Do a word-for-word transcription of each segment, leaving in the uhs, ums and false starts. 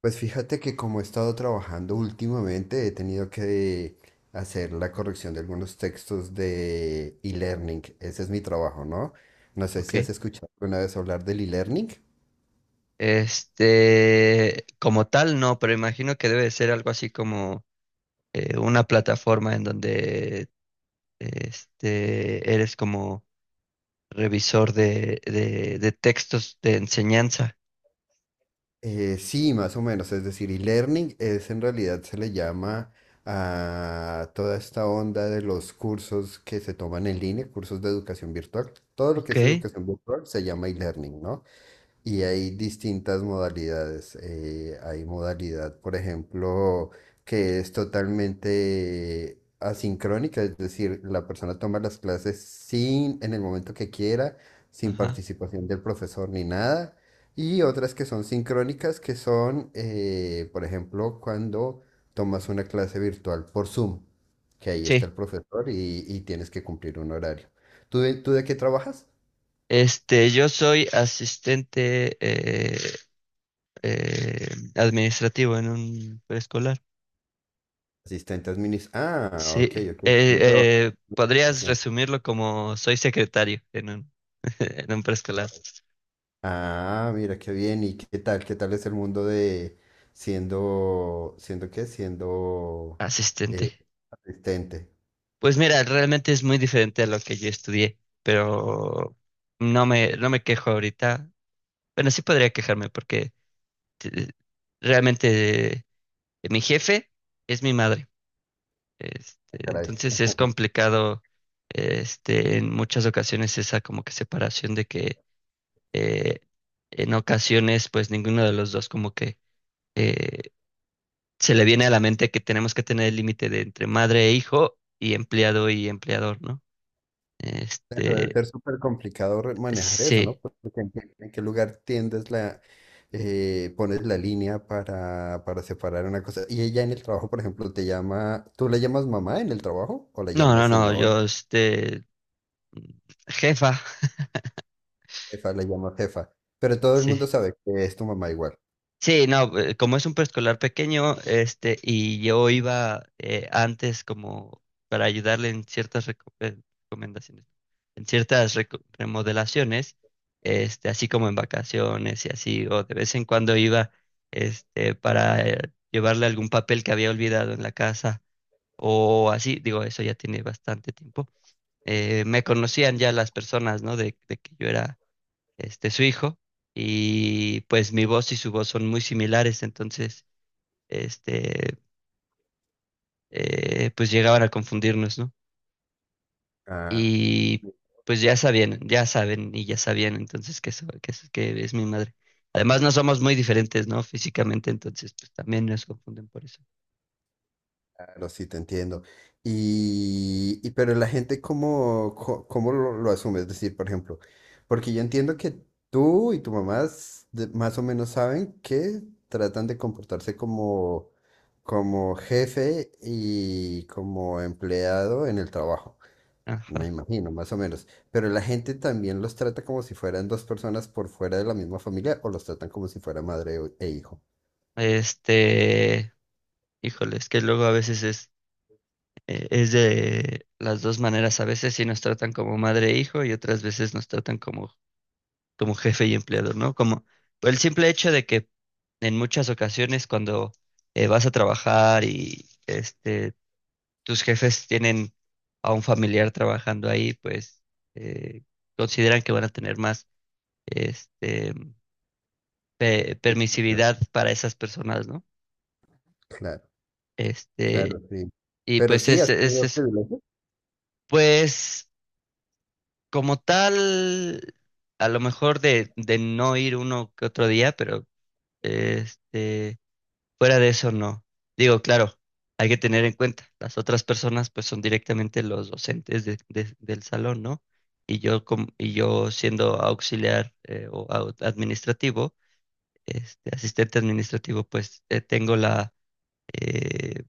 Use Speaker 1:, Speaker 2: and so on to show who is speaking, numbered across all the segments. Speaker 1: Pues fíjate que como he estado trabajando últimamente, he tenido que hacer la corrección de algunos textos de e-learning. Ese es mi trabajo, ¿no? No sé
Speaker 2: Ok.
Speaker 1: si has escuchado alguna vez hablar del e-learning.
Speaker 2: Este, como tal, no, pero imagino que debe de ser algo así como eh, una plataforma en donde este, eres como revisor de, de, de textos de enseñanza.
Speaker 1: Eh, sí, más o menos. Es decir, e-learning es en realidad se le llama a toda esta onda de los cursos que se toman en línea, cursos de educación virtual. Todo lo que es
Speaker 2: Ok.
Speaker 1: educación virtual se llama e-learning, ¿no? Y hay distintas modalidades. Eh, hay modalidad, por ejemplo, que es totalmente asincrónica, es decir, la persona toma las clases sin, en el momento que quiera, sin
Speaker 2: Ajá.
Speaker 1: participación del profesor ni nada. Y otras que son sincrónicas, que son, eh, por ejemplo, cuando tomas una clase virtual por Zoom, que ahí está
Speaker 2: Sí.
Speaker 1: el profesor y, y tienes que cumplir un horario. ¿Tú de, tú de qué trabajas?
Speaker 2: Este, yo soy asistente eh, eh, administrativo en un preescolar.
Speaker 1: Asistentes administrativa. Ah,
Speaker 2: Sí.
Speaker 1: ok, ok.
Speaker 2: Eh,
Speaker 1: También trabajo
Speaker 2: eh,
Speaker 1: en
Speaker 2: Podrías
Speaker 1: administración.
Speaker 2: resumirlo como soy secretario en un, en un preescolar.
Speaker 1: Ah, mira, qué bien. ¿Y qué tal? ¿Qué tal es el mundo de siendo, siendo qué? Siendo eh,
Speaker 2: Asistente.
Speaker 1: asistente.
Speaker 2: Pues mira, realmente es muy diferente a lo que yo estudié, pero no me, no me quejo ahorita. Bueno, sí podría quejarme porque te- realmente eh, mi jefe es mi madre.
Speaker 1: Ah,
Speaker 2: Este,
Speaker 1: caray.
Speaker 2: entonces es complicado, este, en muchas ocasiones esa como que separación de que eh, en ocasiones pues ninguno de los dos como que eh, se le viene a la mente que tenemos que tener el límite de entre madre e hijo y empleado y empleador, ¿no?
Speaker 1: Debe
Speaker 2: Este,
Speaker 1: ser súper complicado re- manejar eso, ¿no?
Speaker 2: Sí.
Speaker 1: Porque en qué, en qué lugar tiendes la, eh, pones la línea para, para separar una cosa. Y ella en el trabajo, por ejemplo, te llama, ¿tú la llamas mamá en el trabajo o la
Speaker 2: No,
Speaker 1: llamas
Speaker 2: no, no,
Speaker 1: señora?
Speaker 2: yo, este, jefa.
Speaker 1: Jefa, la llamo jefa. Pero todo el mundo
Speaker 2: Sí.
Speaker 1: sabe que es tu mamá igual.
Speaker 2: Sí, no, eh, como es un preescolar pequeño, este, y yo iba eh, antes como para ayudarle en ciertas reco- eh, recomendaciones, en ciertas reco- remodelaciones, este, así como en vacaciones y así, o de vez en cuando iba, este, para eh, llevarle algún papel que había olvidado en la casa, o así, digo, eso ya tiene bastante tiempo. Eh, me conocían ya las personas, ¿no? De, de que yo era este, su hijo y pues mi voz y su voz son muy similares. Entonces, este, eh, pues llegaban a confundirnos, ¿no?
Speaker 1: Ah,
Speaker 2: Y pues ya sabían, ya saben y ya sabían entonces que, so- que, es- que es mi madre. Además, no somos muy diferentes, ¿no? Físicamente, entonces, pues también nos confunden por eso.
Speaker 1: claro, sí, te entiendo. Y, y pero la gente, ¿cómo, co- cómo lo, lo asume? Es decir, por ejemplo, porque yo entiendo que tú y tu mamá s- de- más o menos saben que tratan de comportarse como, como jefe y como empleado en el trabajo. Me
Speaker 2: Ajá.
Speaker 1: imagino, más o menos. Pero la gente también los trata como si fueran dos personas por fuera de la misma familia o los tratan como si fuera madre o- e hijo.
Speaker 2: Este, Híjole, es que luego a veces es eh, es de las dos maneras. A veces sí nos tratan como madre e hijo y otras veces nos tratan como, como jefe y empleador, ¿no? Como el simple hecho de que en muchas ocasiones cuando eh, vas a trabajar y este, tus jefes tienen a un familiar trabajando ahí, pues eh, consideran que van a tener más este, pe-
Speaker 1: Sí, claro,
Speaker 2: permisividad para esas personas, ¿no?
Speaker 1: claro, claro,
Speaker 2: Este,
Speaker 1: sí.
Speaker 2: y
Speaker 1: Pero
Speaker 2: pues
Speaker 1: sí,
Speaker 2: es,
Speaker 1: has
Speaker 2: es
Speaker 1: tenido
Speaker 2: eso.
Speaker 1: privilegios.
Speaker 2: Pues como tal, a lo mejor de, de no ir uno que otro día, pero este, fuera de eso no. Digo, claro, hay que tener en cuenta, las otras personas pues son directamente los docentes de- de- del salón, ¿no? Y yo, com- y yo siendo auxiliar eh, o au- administrativo, este, asistente administrativo, pues eh, tengo la, eh,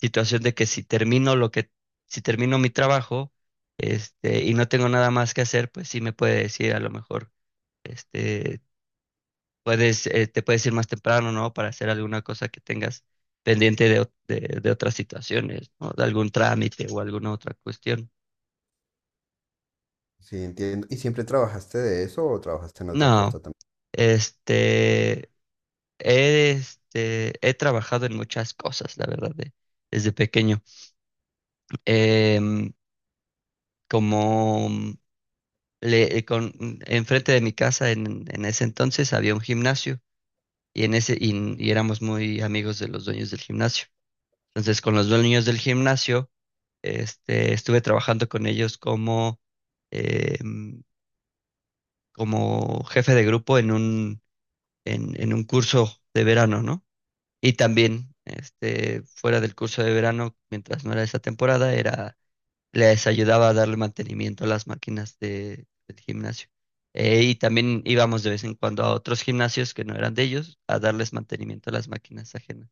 Speaker 2: situación de que si termino lo que, si termino mi trabajo, este, y no tengo nada más que hacer, pues sí me puede decir a lo mejor, este, puedes, eh, te puedes ir más temprano, ¿no? Para hacer alguna cosa que tengas pendiente de, ot- de, de otras situaciones, ¿no? De algún trámite o alguna otra cuestión.
Speaker 1: Sí, entiendo. ¿Y siempre trabajaste de eso o trabajaste en otra cosa
Speaker 2: No,
Speaker 1: también?
Speaker 2: este, he, este, he trabajado en muchas cosas, la verdad, de- desde pequeño. Em, Como le, eh, con, enfrente de mi casa en, en ese entonces había un gimnasio y, en ese, y, y éramos muy amigos de los dueños del gimnasio. Entonces, con los dueños del gimnasio, este, estuve trabajando con ellos como, eh, como jefe de grupo en un, en, en un curso de verano, ¿no? Y también, este, fuera del curso de verano, mientras no era esa temporada, era les ayudaba a darle mantenimiento a las máquinas de, del gimnasio. Eh, y también íbamos de vez en cuando a otros gimnasios que no eran de ellos a darles mantenimiento a las máquinas ajenas.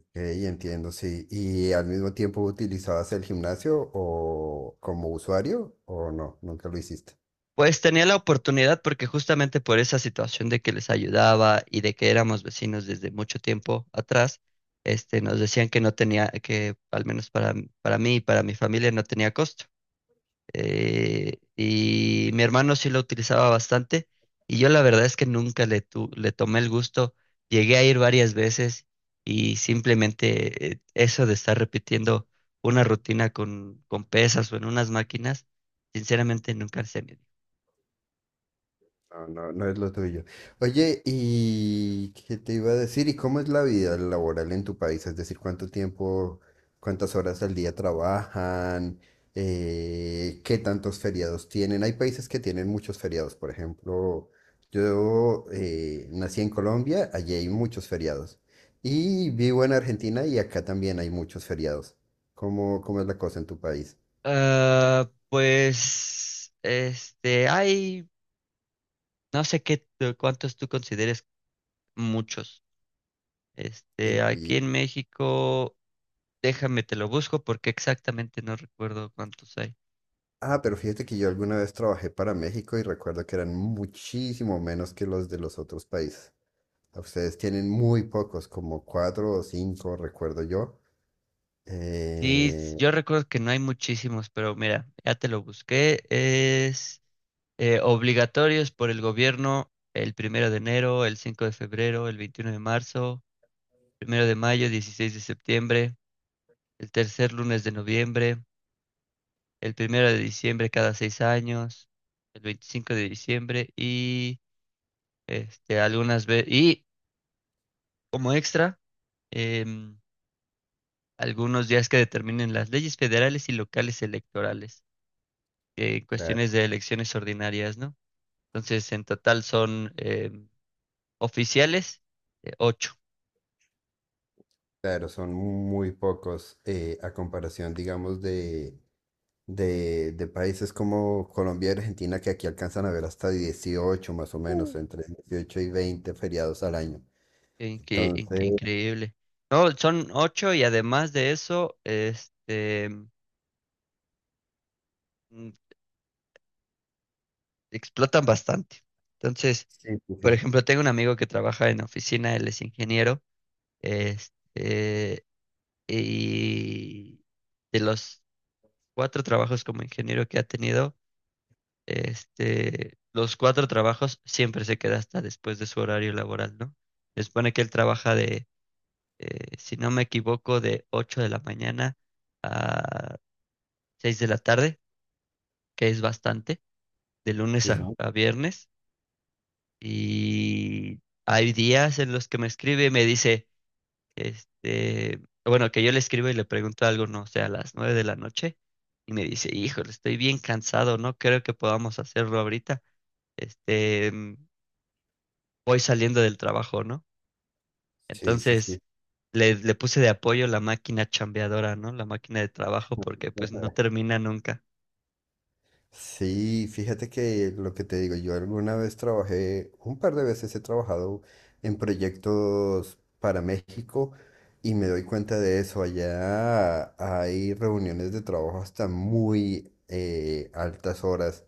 Speaker 1: Ok, entiendo, sí. ¿Y al mismo tiempo utilizabas el gimnasio o como usuario o no? Nunca lo hiciste.
Speaker 2: Pues tenía la oportunidad porque justamente por esa situación de que les ayudaba y de que éramos vecinos desde mucho tiempo atrás, este, nos decían que no tenía, que al menos para, para mí y para mi familia no tenía costo. eh, y mi hermano sí lo utilizaba bastante y yo la verdad es que nunca le, tu- le tomé el gusto. Llegué a ir varias veces y simplemente eh, eso de estar repitiendo una rutina con, con pesas o en unas máquinas, sinceramente nunca se me dio.
Speaker 1: No, no, no es lo tuyo. Oye, ¿y qué te iba a decir? ¿Y cómo es la vida laboral en tu país? Es decir, ¿cuánto tiempo, cuántas horas al día trabajan? Eh, ¿qué tantos feriados tienen? Hay países que tienen muchos feriados. Por ejemplo, yo eh, nací en Colombia, allí hay muchos feriados. Y vivo en Argentina y acá también hay muchos feriados. ¿Cómo, cómo es la cosa en tu país?
Speaker 2: Ah, pues, este, hay, no sé qué, cuántos tú consideres muchos.
Speaker 1: Y,
Speaker 2: Este,
Speaker 1: y-
Speaker 2: aquí en México. Déjame, te lo busco porque exactamente no recuerdo cuántos hay.
Speaker 1: Ah, pero fíjate que yo alguna vez trabajé para México y recuerdo que eran muchísimo menos que los de los otros países. Ustedes tienen muy pocos, como cuatro o cinco, recuerdo yo.
Speaker 2: Sí, s-
Speaker 1: Eh,
Speaker 2: yo recuerdo que no hay muchísimos, pero mira, ya te lo busqué. Es eh, obligatorios por el gobierno el primero de enero, el cinco de febrero, el veintiuno de marzo, primero de mayo, dieciséis de septiembre, el tercer lunes de noviembre, el primero de diciembre cada seis años, el veinticinco de diciembre y este algunas veces y como extra. em, Algunos días que determinen las leyes federales y locales electorales, eh, en
Speaker 1: cla-
Speaker 2: cuestiones de elecciones ordinarias, ¿no? Entonces, en total son eh, oficiales eh, ocho.
Speaker 1: claro, son muy pocos eh, a comparación, digamos, de, de, de países como Colombia y Argentina, que aquí alcanzan a ver hasta dieciocho más o menos,
Speaker 2: Mm.
Speaker 1: entre dieciocho y veinte feriados al año.
Speaker 2: Qué, qué- in-
Speaker 1: Entonces,
Speaker 2: qué increíble. No, son ocho y además de eso, este, mm, explotan bastante. Entonces,
Speaker 1: sí, sí,
Speaker 2: por
Speaker 1: sí,
Speaker 2: ejemplo, tengo un amigo que trabaja en oficina, él es ingeniero, este, y de los cuatro trabajos como ingeniero que ha tenido, Este, los cuatro trabajos siempre se queda hasta después de su horario laboral, ¿no? Se supone que él trabaja de, eh, si no me equivoco, de ocho de la mañana a seis de la tarde, que es bastante, de lunes
Speaker 1: sí, es
Speaker 2: a,
Speaker 1: mu-
Speaker 2: a viernes. Y hay días en los que me escribe y me dice, este, bueno, que yo le escribo y le pregunto algo, no sé, a las nueve de la noche. Y me dice, híjole, estoy bien cansado, no creo que podamos hacerlo ahorita. Este, mm, Voy saliendo del trabajo, ¿no?
Speaker 1: sí, sí, sí.
Speaker 2: Entonces le, le puse de apoyo la máquina chambeadora, ¿no? La máquina de trabajo porque pues no termina nunca.
Speaker 1: Sí, fíjate que lo que te digo, yo alguna vez trabajé, un par de veces he trabajado en proyectos para México y me doy cuenta de eso. Allá hay reuniones de trabajo hasta muy eh, altas horas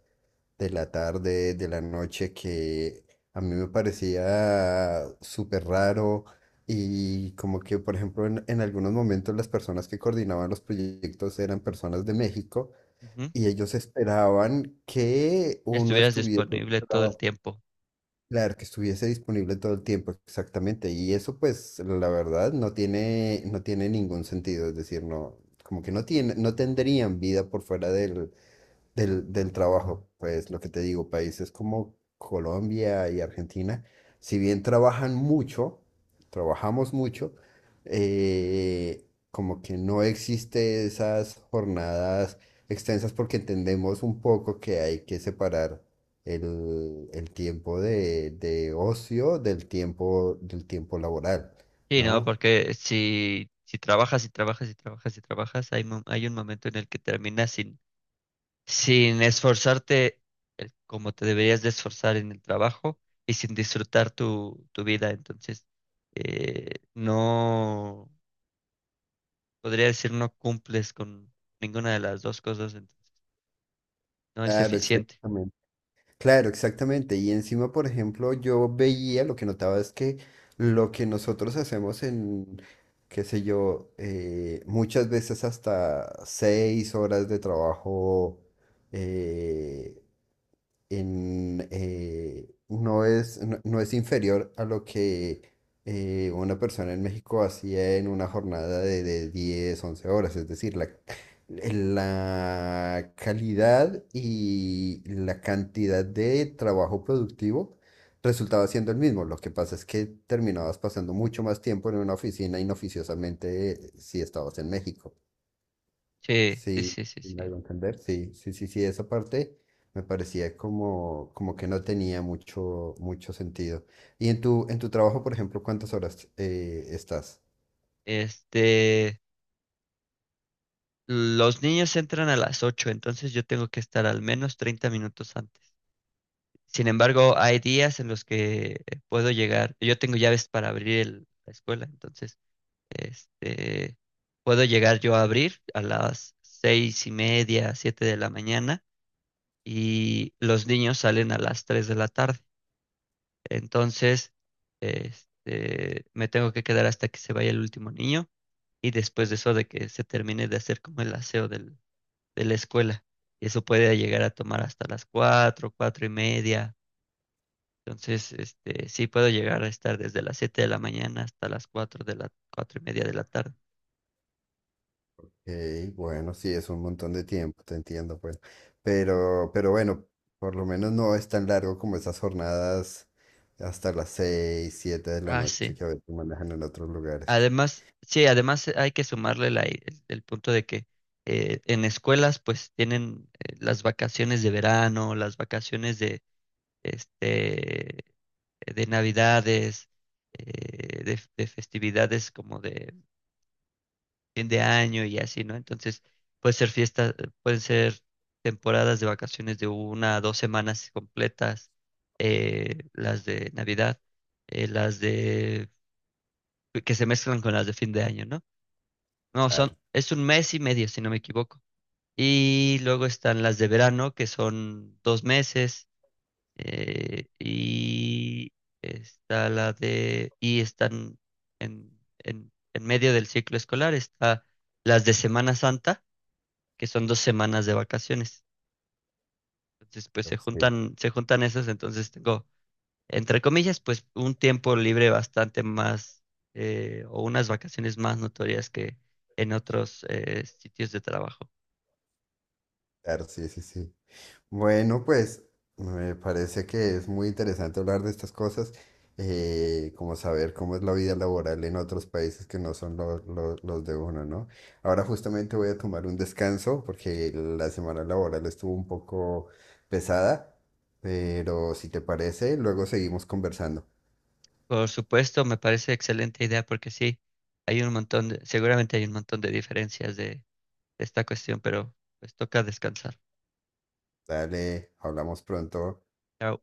Speaker 1: de la tarde, de la noche, que a mí me parecía súper raro y como que, por ejemplo, en en algunos momentos las personas que coordinaban los proyectos eran personas de México
Speaker 2: Ujú.
Speaker 1: y ellos esperaban que uno
Speaker 2: Estuvieras
Speaker 1: estuviese,
Speaker 2: disponible todo el
Speaker 1: traba-
Speaker 2: tiempo.
Speaker 1: claro, que estuviese disponible todo el tiempo, exactamente. Y eso, pues, la verdad, no tiene, no tiene ningún sentido. Es decir, no, como que no tiene, no tendrían vida por fuera del, del, del trabajo, pues lo que te digo, países como Colombia y Argentina, si bien trabajan mucho, trabajamos mucho, eh, como que no existe esas jornadas extensas porque entendemos un poco que hay que separar el, el tiempo de, de ocio del tiempo, del tiempo laboral,
Speaker 2: Sí, ¿no?
Speaker 1: ¿no?
Speaker 2: Porque si, si trabajas y trabajas y trabajas y trabajas, hay, mo- hay un momento en el que terminas sin, sin esforzarte el- como te deberías de esforzar en el trabajo y sin disfrutar tu, tu vida. Entonces, eh, no. Podría decir no cumples con ninguna de las dos cosas, entonces no es
Speaker 1: Claro,
Speaker 2: eficiente.
Speaker 1: exactamente. Claro, exactamente. Y encima, por ejemplo, yo veía, lo que notaba es que lo que nosotros hacemos en, qué sé yo, eh, muchas veces hasta seis horas de trabajo eh, en, eh, no es, no, no es inferior a lo que eh, una persona en México hacía en una jornada de, de diez once horas. Es decir, la, la calidad y la cantidad de trabajo productivo resultaba siendo el mismo. Lo que pasa es que terminabas pasando mucho más tiempo en una oficina inoficiosamente eh, si estabas en México.
Speaker 2: Sí, sí,
Speaker 1: Sí,
Speaker 2: sí, sí,
Speaker 1: sí me
Speaker 2: sí.
Speaker 1: hago entender. Sí, sí, sí, sí, esa parte me parecía como, como que no tenía mucho, mucho sentido. Y en tu, en tu trabajo, por ejemplo, ¿cuántas horas eh, estás?
Speaker 2: Este, los niños entran a las ocho, entonces yo tengo que estar al menos treinta minutos antes. Sin embargo, hay días en los que puedo llegar, yo tengo llaves para abrir el- la escuela, entonces, este, puedo llegar yo a abrir a las seis y media, siete de la mañana, y los niños salen a las tres de la tarde. Entonces, este, me tengo que quedar hasta que se vaya el último niño y después de eso de que se termine de hacer como el aseo del- de la escuela. Y eso puede llegar a tomar hasta las cuatro, cuatro y media. Entonces, este, sí puedo llegar a estar desde las siete de la mañana hasta las cuatro de la, cuatro y media de la tarde.
Speaker 1: Ok, bueno, sí, es un montón de tiempo, te entiendo, pues. Pero, pero bueno, por lo menos no es tan largo como esas jornadas hasta las seis, siete de la
Speaker 2: Ah,
Speaker 1: noche
Speaker 2: sí.
Speaker 1: que a veces manejan en otros lugares.
Speaker 2: Además, sí, además hay que sumarle la- el, el punto de que eh, en escuelas pues tienen eh, las vacaciones de verano, las vacaciones de, este, de navidades, eh, de, de festividades como de fin de año y así, ¿no? Entonces, puede ser fiestas, pueden ser temporadas de vacaciones de una a dos semanas completas, eh, las de Navidad, eh, las de que se mezclan con las de fin de año, ¿no? No, son,
Speaker 1: Claro,
Speaker 2: es un mes y medio, si no me equivoco. Y luego están las de verano, que son dos meses eh, y está la de, y están en, en, en medio del ciclo escolar, está las de Semana Santa, que son dos semanas de vacaciones. Entonces, pues se
Speaker 1: sí,
Speaker 2: juntan, se juntan esas, entonces tengo, entre comillas, pues un tiempo libre bastante más, eh, o unas vacaciones más notorias que en otros eh, sitios de trabajo.
Speaker 1: claro, sí, sí, sí. Bueno, pues me parece que es muy interesante hablar de estas cosas, eh, como saber cómo es la vida laboral en otros países que no son lo- lo- los de uno, ¿no? Ahora justamente voy a tomar un descanso porque la semana laboral estuvo un poco pesada, pero si te parece, luego seguimos conversando.
Speaker 2: Por supuesto, me parece excelente idea porque sí, hay un montón de- seguramente hay un montón de diferencias de esta cuestión, pero pues toca descansar.
Speaker 1: Dale, hablamos pronto.
Speaker 2: Chao.